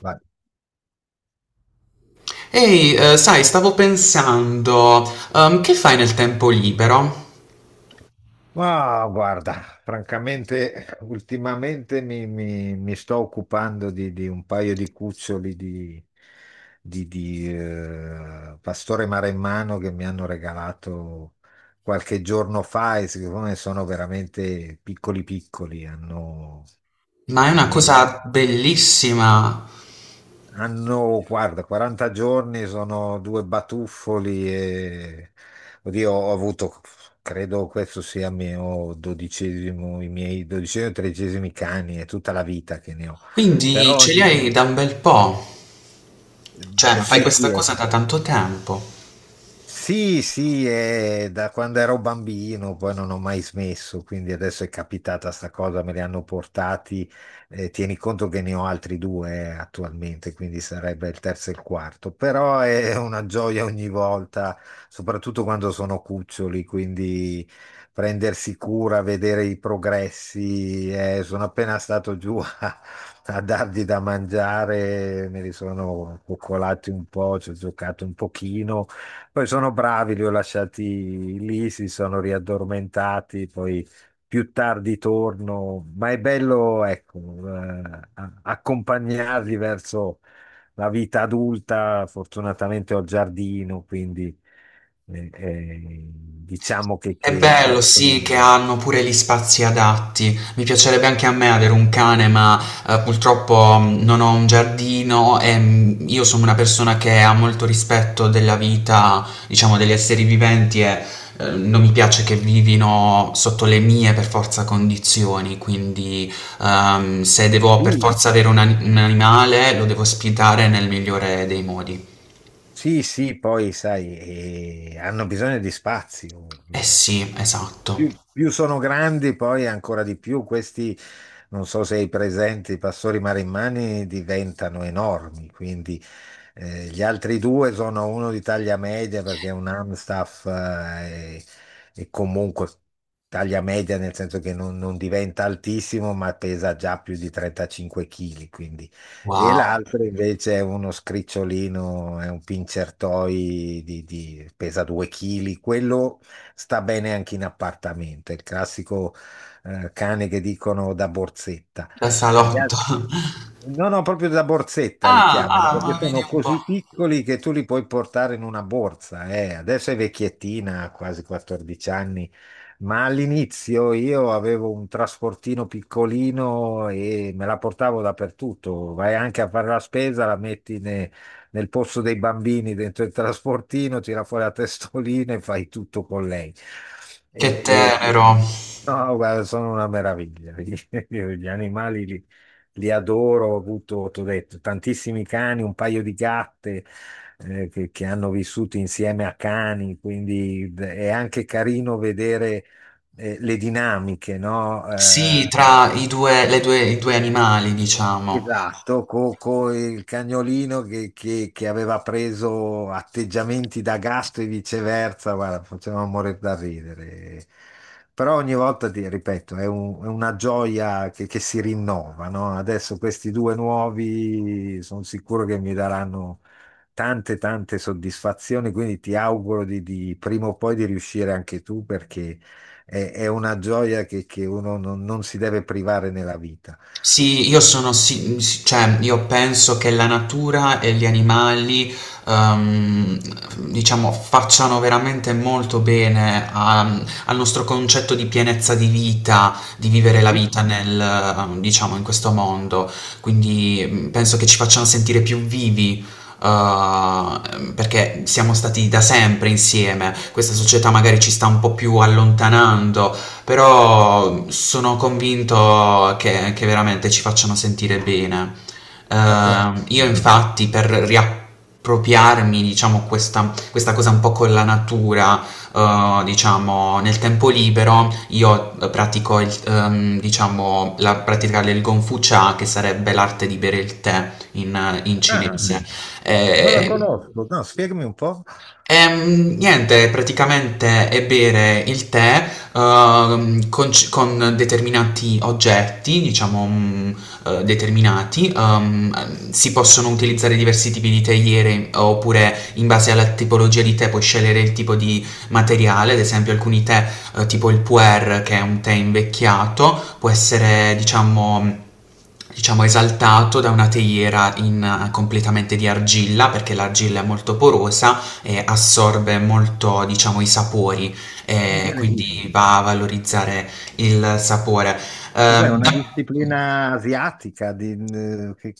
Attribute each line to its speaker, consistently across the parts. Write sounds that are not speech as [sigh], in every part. Speaker 1: Vai.
Speaker 2: Ehi, sai, stavo pensando, che fai nel tempo libero?
Speaker 1: Ma guarda, francamente, ultimamente mi sto occupando di un paio di cuccioli di pastore maremmano che mi hanno regalato qualche giorno fa, e siccome sono veramente piccoli piccoli,
Speaker 2: Ma è una
Speaker 1: meno
Speaker 2: cosa bellissima,
Speaker 1: Hanno, guarda, 40 giorni, sono due batuffoli e, oddio, ho avuto, credo questo sia il mio 12°, i miei dodicesimi o tredicesimi cani, è tutta la vita che ne ho.
Speaker 2: quindi
Speaker 1: Però
Speaker 2: ce li
Speaker 1: ogni-
Speaker 2: hai da un bel po', cioè
Speaker 1: sì,
Speaker 2: fai questa cosa
Speaker 1: sì.
Speaker 2: da tanto tempo.
Speaker 1: Sì, sì, è da quando ero bambino, poi non ho mai smesso, quindi adesso è capitata sta cosa, me li hanno portati. Tieni conto che ne ho altri due attualmente, quindi sarebbe il terzo e il quarto, però è una gioia ogni volta, soprattutto quando sono cuccioli, quindi prendersi cura, vedere i progressi. Sono appena stato giù [laughs] a dargli da mangiare, me li sono coccolati un po', ci ho giocato un pochino. Poi sono bravi, li ho lasciati lì, si sono riaddormentati, poi più tardi torno, ma è bello, ecco, eh, accompagnarli verso la vita adulta. Fortunatamente ho il giardino, quindi diciamo che,
Speaker 2: È
Speaker 1: che
Speaker 2: bello,
Speaker 1: possono.
Speaker 2: sì, che hanno pure gli spazi adatti. Mi piacerebbe anche a me avere un cane, ma purtroppo non ho un giardino e io sono una persona che ha molto rispetto della vita, diciamo, degli esseri viventi e non mi piace che vivino sotto le mie per forza condizioni, quindi se devo per
Speaker 1: Sì,
Speaker 2: forza avere un animale lo devo ospitare nel migliore dei modi.
Speaker 1: sì, sì, poi sai, hanno bisogno di spazio.
Speaker 2: Eh sì, esatto.
Speaker 1: Più sono grandi, poi ancora di più, questi, non so se hai presente, i pastori marimmani diventano enormi, quindi gli altri due sono uno di taglia media perché è un Amstaff, e comunque taglia media nel senso che non diventa altissimo ma pesa già più di 35 kg, quindi. E
Speaker 2: Wow,
Speaker 1: l'altro invece è uno scricciolino, è un pincertoi pesa 2 kg, quello sta bene anche in appartamento, è il classico cane che dicono da borsetta.
Speaker 2: da
Speaker 1: Gli
Speaker 2: salotto. [laughs]
Speaker 1: altri- No, no, proprio da borsetta li
Speaker 2: Ah,
Speaker 1: chiamano,
Speaker 2: ah,
Speaker 1: perché
Speaker 2: ma vedi
Speaker 1: sono
Speaker 2: un po'.
Speaker 1: così piccoli che tu li puoi portare in una borsa. Adesso è vecchiettina, ha quasi 14 anni, ma all'inizio io avevo un trasportino piccolino e me la portavo dappertutto. Vai anche a fare la spesa, la metti nel posto dei bambini dentro il trasportino, tira fuori la testolina e fai tutto con lei. E-
Speaker 2: Che
Speaker 1: e-
Speaker 2: tenero.
Speaker 1: No, guarda, sono una meraviglia. [laughs] Io gli animali li adoro, ho avuto, ti ho detto, tantissimi cani, un paio di gatte che hanno vissuto insieme a cani, quindi è anche carino vedere le dinamiche, no?
Speaker 2: Sì, tra i due, le due, i due animali, diciamo.
Speaker 1: Esatto, con il cagnolino che aveva preso atteggiamenti da gasto e viceversa, guarda, faceva morire da ridere. Però ogni volta, ti ripeto, è una gioia che si rinnova, no? Adesso questi due nuovi sono sicuro che mi daranno tante, tante soddisfazioni, quindi ti auguro prima o poi di riuscire anche tu, perché è una gioia che uno non si deve privare nella vita.
Speaker 2: Sì, io cioè io penso che la natura e gli animali, ehm, diciamo, facciano veramente molto bene al nostro concetto di pienezza di vita, di vivere la vita nel, diciamo, in questo mondo. Quindi penso che ci facciano sentire più vivi. Perché siamo stati da sempre insieme, questa società magari ci sta un po' più allontanando, però sono convinto che veramente ci facciano sentire bene.
Speaker 1: Ass-
Speaker 2: Io
Speaker 1: mm.
Speaker 2: infatti per riappropriarmi, diciamo, questa cosa un po' con la natura, diciamo, nel tempo libero, io pratico, il, diciamo, la pratica del Gonfu Cha, che sarebbe l'arte di bere il tè in
Speaker 1: Ah,
Speaker 2: cinese.
Speaker 1: non la
Speaker 2: Eh,
Speaker 1: conosco. No, spiegami un po'.
Speaker 2: Niente, praticamente è bere il tè con, con determinati oggetti, diciamo determinati, si possono utilizzare diversi tipi di teiere oppure in base alla tipologia di tè puoi scegliere il tipo di materiale, ad esempio alcuni tè tipo il pu'er che è un tè invecchiato, può essere diciamo... Diciamo esaltato da una teiera in, completamente di argilla perché l'argilla è molto porosa assorbe molto, diciamo, i sapori, quindi
Speaker 1: Incredibile.
Speaker 2: va a valorizzare il sapore.
Speaker 1: Cos'è una
Speaker 2: Ok.
Speaker 1: disciplina asiatica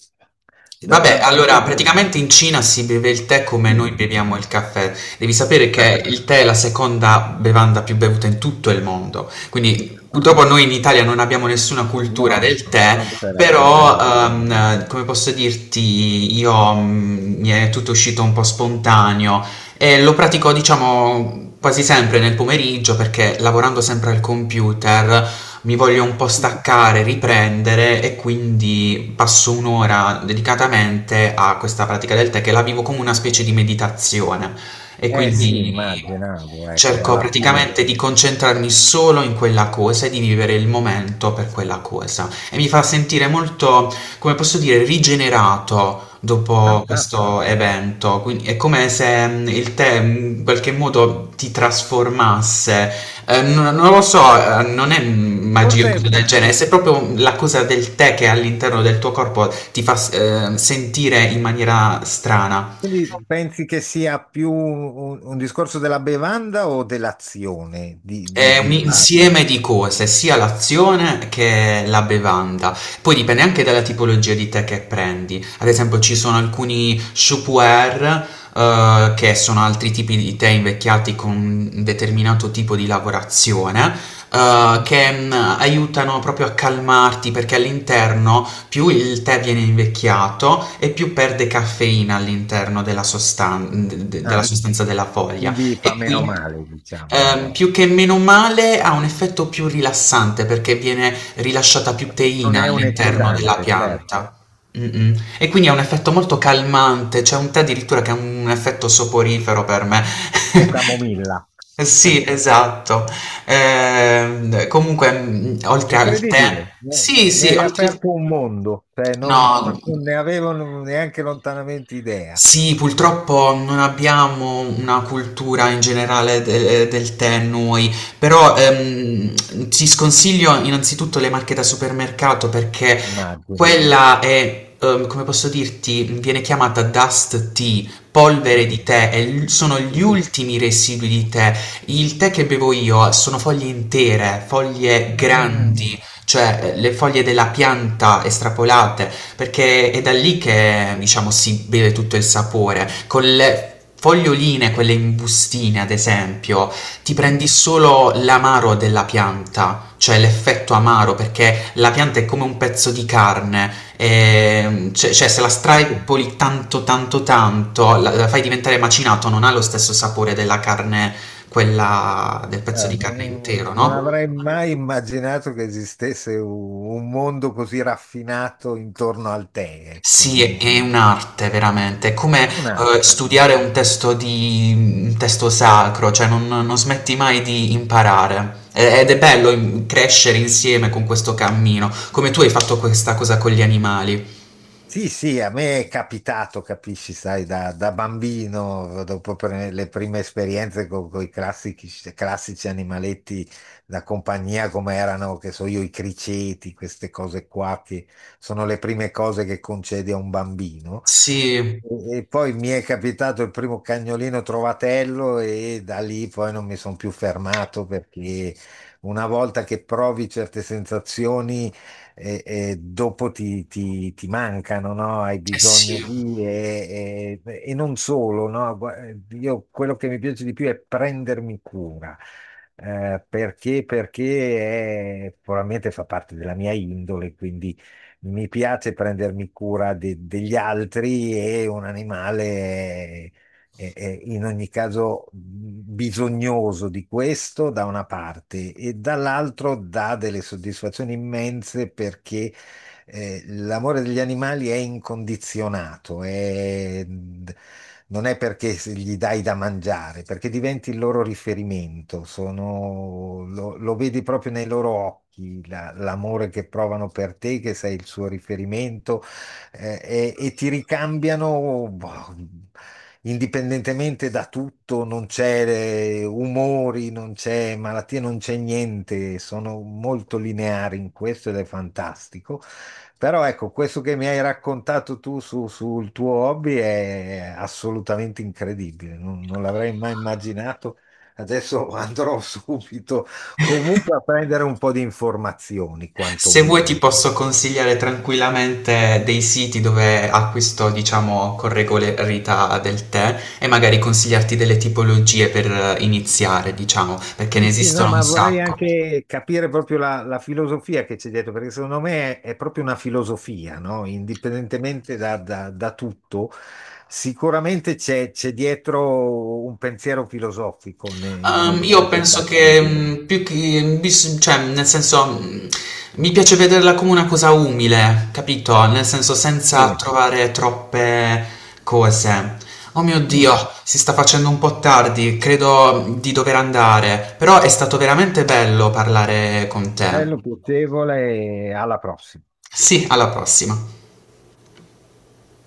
Speaker 1: da, da,
Speaker 2: Vabbè,
Speaker 1: da dove
Speaker 2: allora
Speaker 1: deriva?
Speaker 2: praticamente in Cina si beve il tè come noi
Speaker 1: Cina.
Speaker 2: beviamo il caffè. Devi sapere
Speaker 1: Ah,
Speaker 2: che il tè è la seconda bevanda più bevuta in tutto il mondo. Quindi purtroppo noi in Italia non abbiamo nessuna cultura
Speaker 1: no,
Speaker 2: del tè,
Speaker 1: non c'è la cultura
Speaker 2: però
Speaker 1: rabbina.
Speaker 2: come posso dirti, io mi è tutto uscito un po' spontaneo e lo pratico diciamo quasi sempre nel pomeriggio perché lavorando sempre al computer mi voglio un po' staccare, riprendere e quindi passo un'ora dedicatamente a questa pratica del tè che la vivo come una specie di meditazione e
Speaker 1: Eh sì,
Speaker 2: quindi
Speaker 1: immaginavo, ecco,
Speaker 2: cerco
Speaker 1: alla fine.
Speaker 2: praticamente di concentrarmi solo in quella cosa e di vivere il momento per quella cosa e mi fa sentire molto, come posso dire, rigenerato. Dopo questo
Speaker 1: Fantastico.
Speaker 2: evento, quindi è come se il tè in qualche modo ti trasformasse non, non lo so, non è magia o
Speaker 1: Forse
Speaker 2: cosa del genere, se proprio la cosa del tè che all'interno del tuo corpo ti fa sentire in maniera strana.
Speaker 1: quindi pensi che sia più un discorso della bevanda o dell'azione di, di,
Speaker 2: È un
Speaker 1: di fare?
Speaker 2: insieme di cose, sia l'azione che la bevanda. Poi dipende anche dalla tipologia di tè che prendi. Ad esempio, ci sono alcuni shupuer, che sono altri tipi di tè invecchiati con un determinato tipo di lavorazione, che aiutano proprio a calmarti perché all'interno più il tè viene invecchiato e più perde caffeina all'interno della della
Speaker 1: Ah.
Speaker 2: sostanza della foglia.
Speaker 1: Quindi
Speaker 2: E
Speaker 1: fa meno
Speaker 2: quindi.
Speaker 1: male, diciamo.
Speaker 2: Più che meno male ha un effetto più rilassante perché viene rilasciata più teina
Speaker 1: Non è un
Speaker 2: all'interno della
Speaker 1: eccitante, certo,
Speaker 2: pianta. Mm-mm. E quindi ha un effetto molto calmante, c'è un tè addirittura che ha un effetto soporifero per me.
Speaker 1: tipo
Speaker 2: [laughs]
Speaker 1: camomilla.
Speaker 2: Eh
Speaker 1: [laughs]
Speaker 2: sì, esatto. Comunque, oltre al tè,
Speaker 1: Incredibile,
Speaker 2: sì,
Speaker 1: mi
Speaker 2: sì,
Speaker 1: hai
Speaker 2: oltre al...
Speaker 1: aperto un mondo, cioè, non,
Speaker 2: No,
Speaker 1: [laughs] non ne avevo neanche lontanamente idea,
Speaker 2: sì, purtroppo non abbiamo una cultura in generale del tè noi, però ti sconsiglio innanzitutto le marche da supermercato perché
Speaker 1: immagino.
Speaker 2: quella è, come posso dirti, viene chiamata dust tea, polvere di
Speaker 1: Mm.
Speaker 2: tè, e sono
Speaker 1: Sì.
Speaker 2: gli ultimi residui di tè. Il tè che bevo io sono foglie intere, foglie
Speaker 1: Ah,
Speaker 2: grandi, cioè le foglie della pianta estrapolate, perché è da lì che, diciamo, si beve tutto il sapore. Con le foglioline, quelle in bustine, ad esempio, ti
Speaker 1: ok.
Speaker 2: prendi solo l'amaro della pianta. C'è l'effetto amaro perché la pianta è come un pezzo di carne, cioè se la straipoli tanto tanto tanto, la fai diventare macinato, non ha lo stesso sapore della carne, quella del pezzo di carne
Speaker 1: No,
Speaker 2: intero,
Speaker 1: non
Speaker 2: no?
Speaker 1: avrei mai immaginato che esistesse un mondo così raffinato intorno al tè, ecco,
Speaker 2: Sì,
Speaker 1: no?
Speaker 2: è un'arte veramente, è come
Speaker 1: È un altro, sì.
Speaker 2: studiare un testo, di, un testo sacro, cioè non, non smetti mai di imparare. Ed è bello crescere insieme con questo cammino, come tu hai fatto questa cosa con gli animali.
Speaker 1: Sì, sì, a me è capitato, capisci, sai, da bambino, dopo le prime esperienze con i classici, classici animaletti da compagnia, come erano, che so io, i criceti, queste cose qua, che sono le prime cose che concedi a un bambino.
Speaker 2: Sì, eh
Speaker 1: E poi mi è capitato il primo cagnolino trovatello e da lì poi non mi sono più fermato, perché una volta che provi certe sensazioni e dopo ti mancano, no? Hai bisogno
Speaker 2: sì.
Speaker 1: di. E non solo, no? Io quello che mi piace di più è prendermi cura. Perché? Perché probabilmente fa parte della mia indole, quindi mi piace prendermi cura degli altri e un animale in ogni caso bisognoso di questo da una parte, e dall'altro dà delle soddisfazioni immense, perché l'amore degli animali è incondizionato. Non è perché se gli dai da mangiare, perché diventi il loro riferimento, lo vedi proprio nei loro occhi. L'amore che provano per te, che sei il suo riferimento, e ti ricambiano, boh, indipendentemente da tutto, non c'è umori, non c'è malattie, non c'è niente, sono molto lineari in questo ed è fantastico. Però ecco, questo che mi hai raccontato tu sul tuo hobby è assolutamente incredibile, non l'avrei mai immaginato. Adesso andrò [laughs] subito comunque a prendere un po' di informazioni,
Speaker 2: Se vuoi ti
Speaker 1: quantomeno.
Speaker 2: posso consigliare tranquillamente dei siti dove acquisto, diciamo, con regolarità del tè e magari consigliarti delle tipologie per iniziare, diciamo, perché ne
Speaker 1: Sì, sì, no,
Speaker 2: esistono un
Speaker 1: ma vorrei
Speaker 2: sacco.
Speaker 1: anche capire proprio la filosofia che c'è dietro, perché secondo me è proprio una filosofia, no? Indipendentemente da tutto, sicuramente c'è dietro un pensiero filosofico nel
Speaker 2: Io
Speaker 1: fare questa
Speaker 2: penso che
Speaker 1: azione.
Speaker 2: più che cioè, nel senso, mi piace vederla come una cosa umile, capito? Nel senso, senza
Speaker 1: Sì.
Speaker 2: trovare troppe cose. Oh mio
Speaker 1: Mm.
Speaker 2: Dio, si sta facendo un po' tardi, credo di dover andare, però è stato veramente bello parlare con te.
Speaker 1: Bello, piacevole e alla prossima.
Speaker 2: Sì, alla prossima.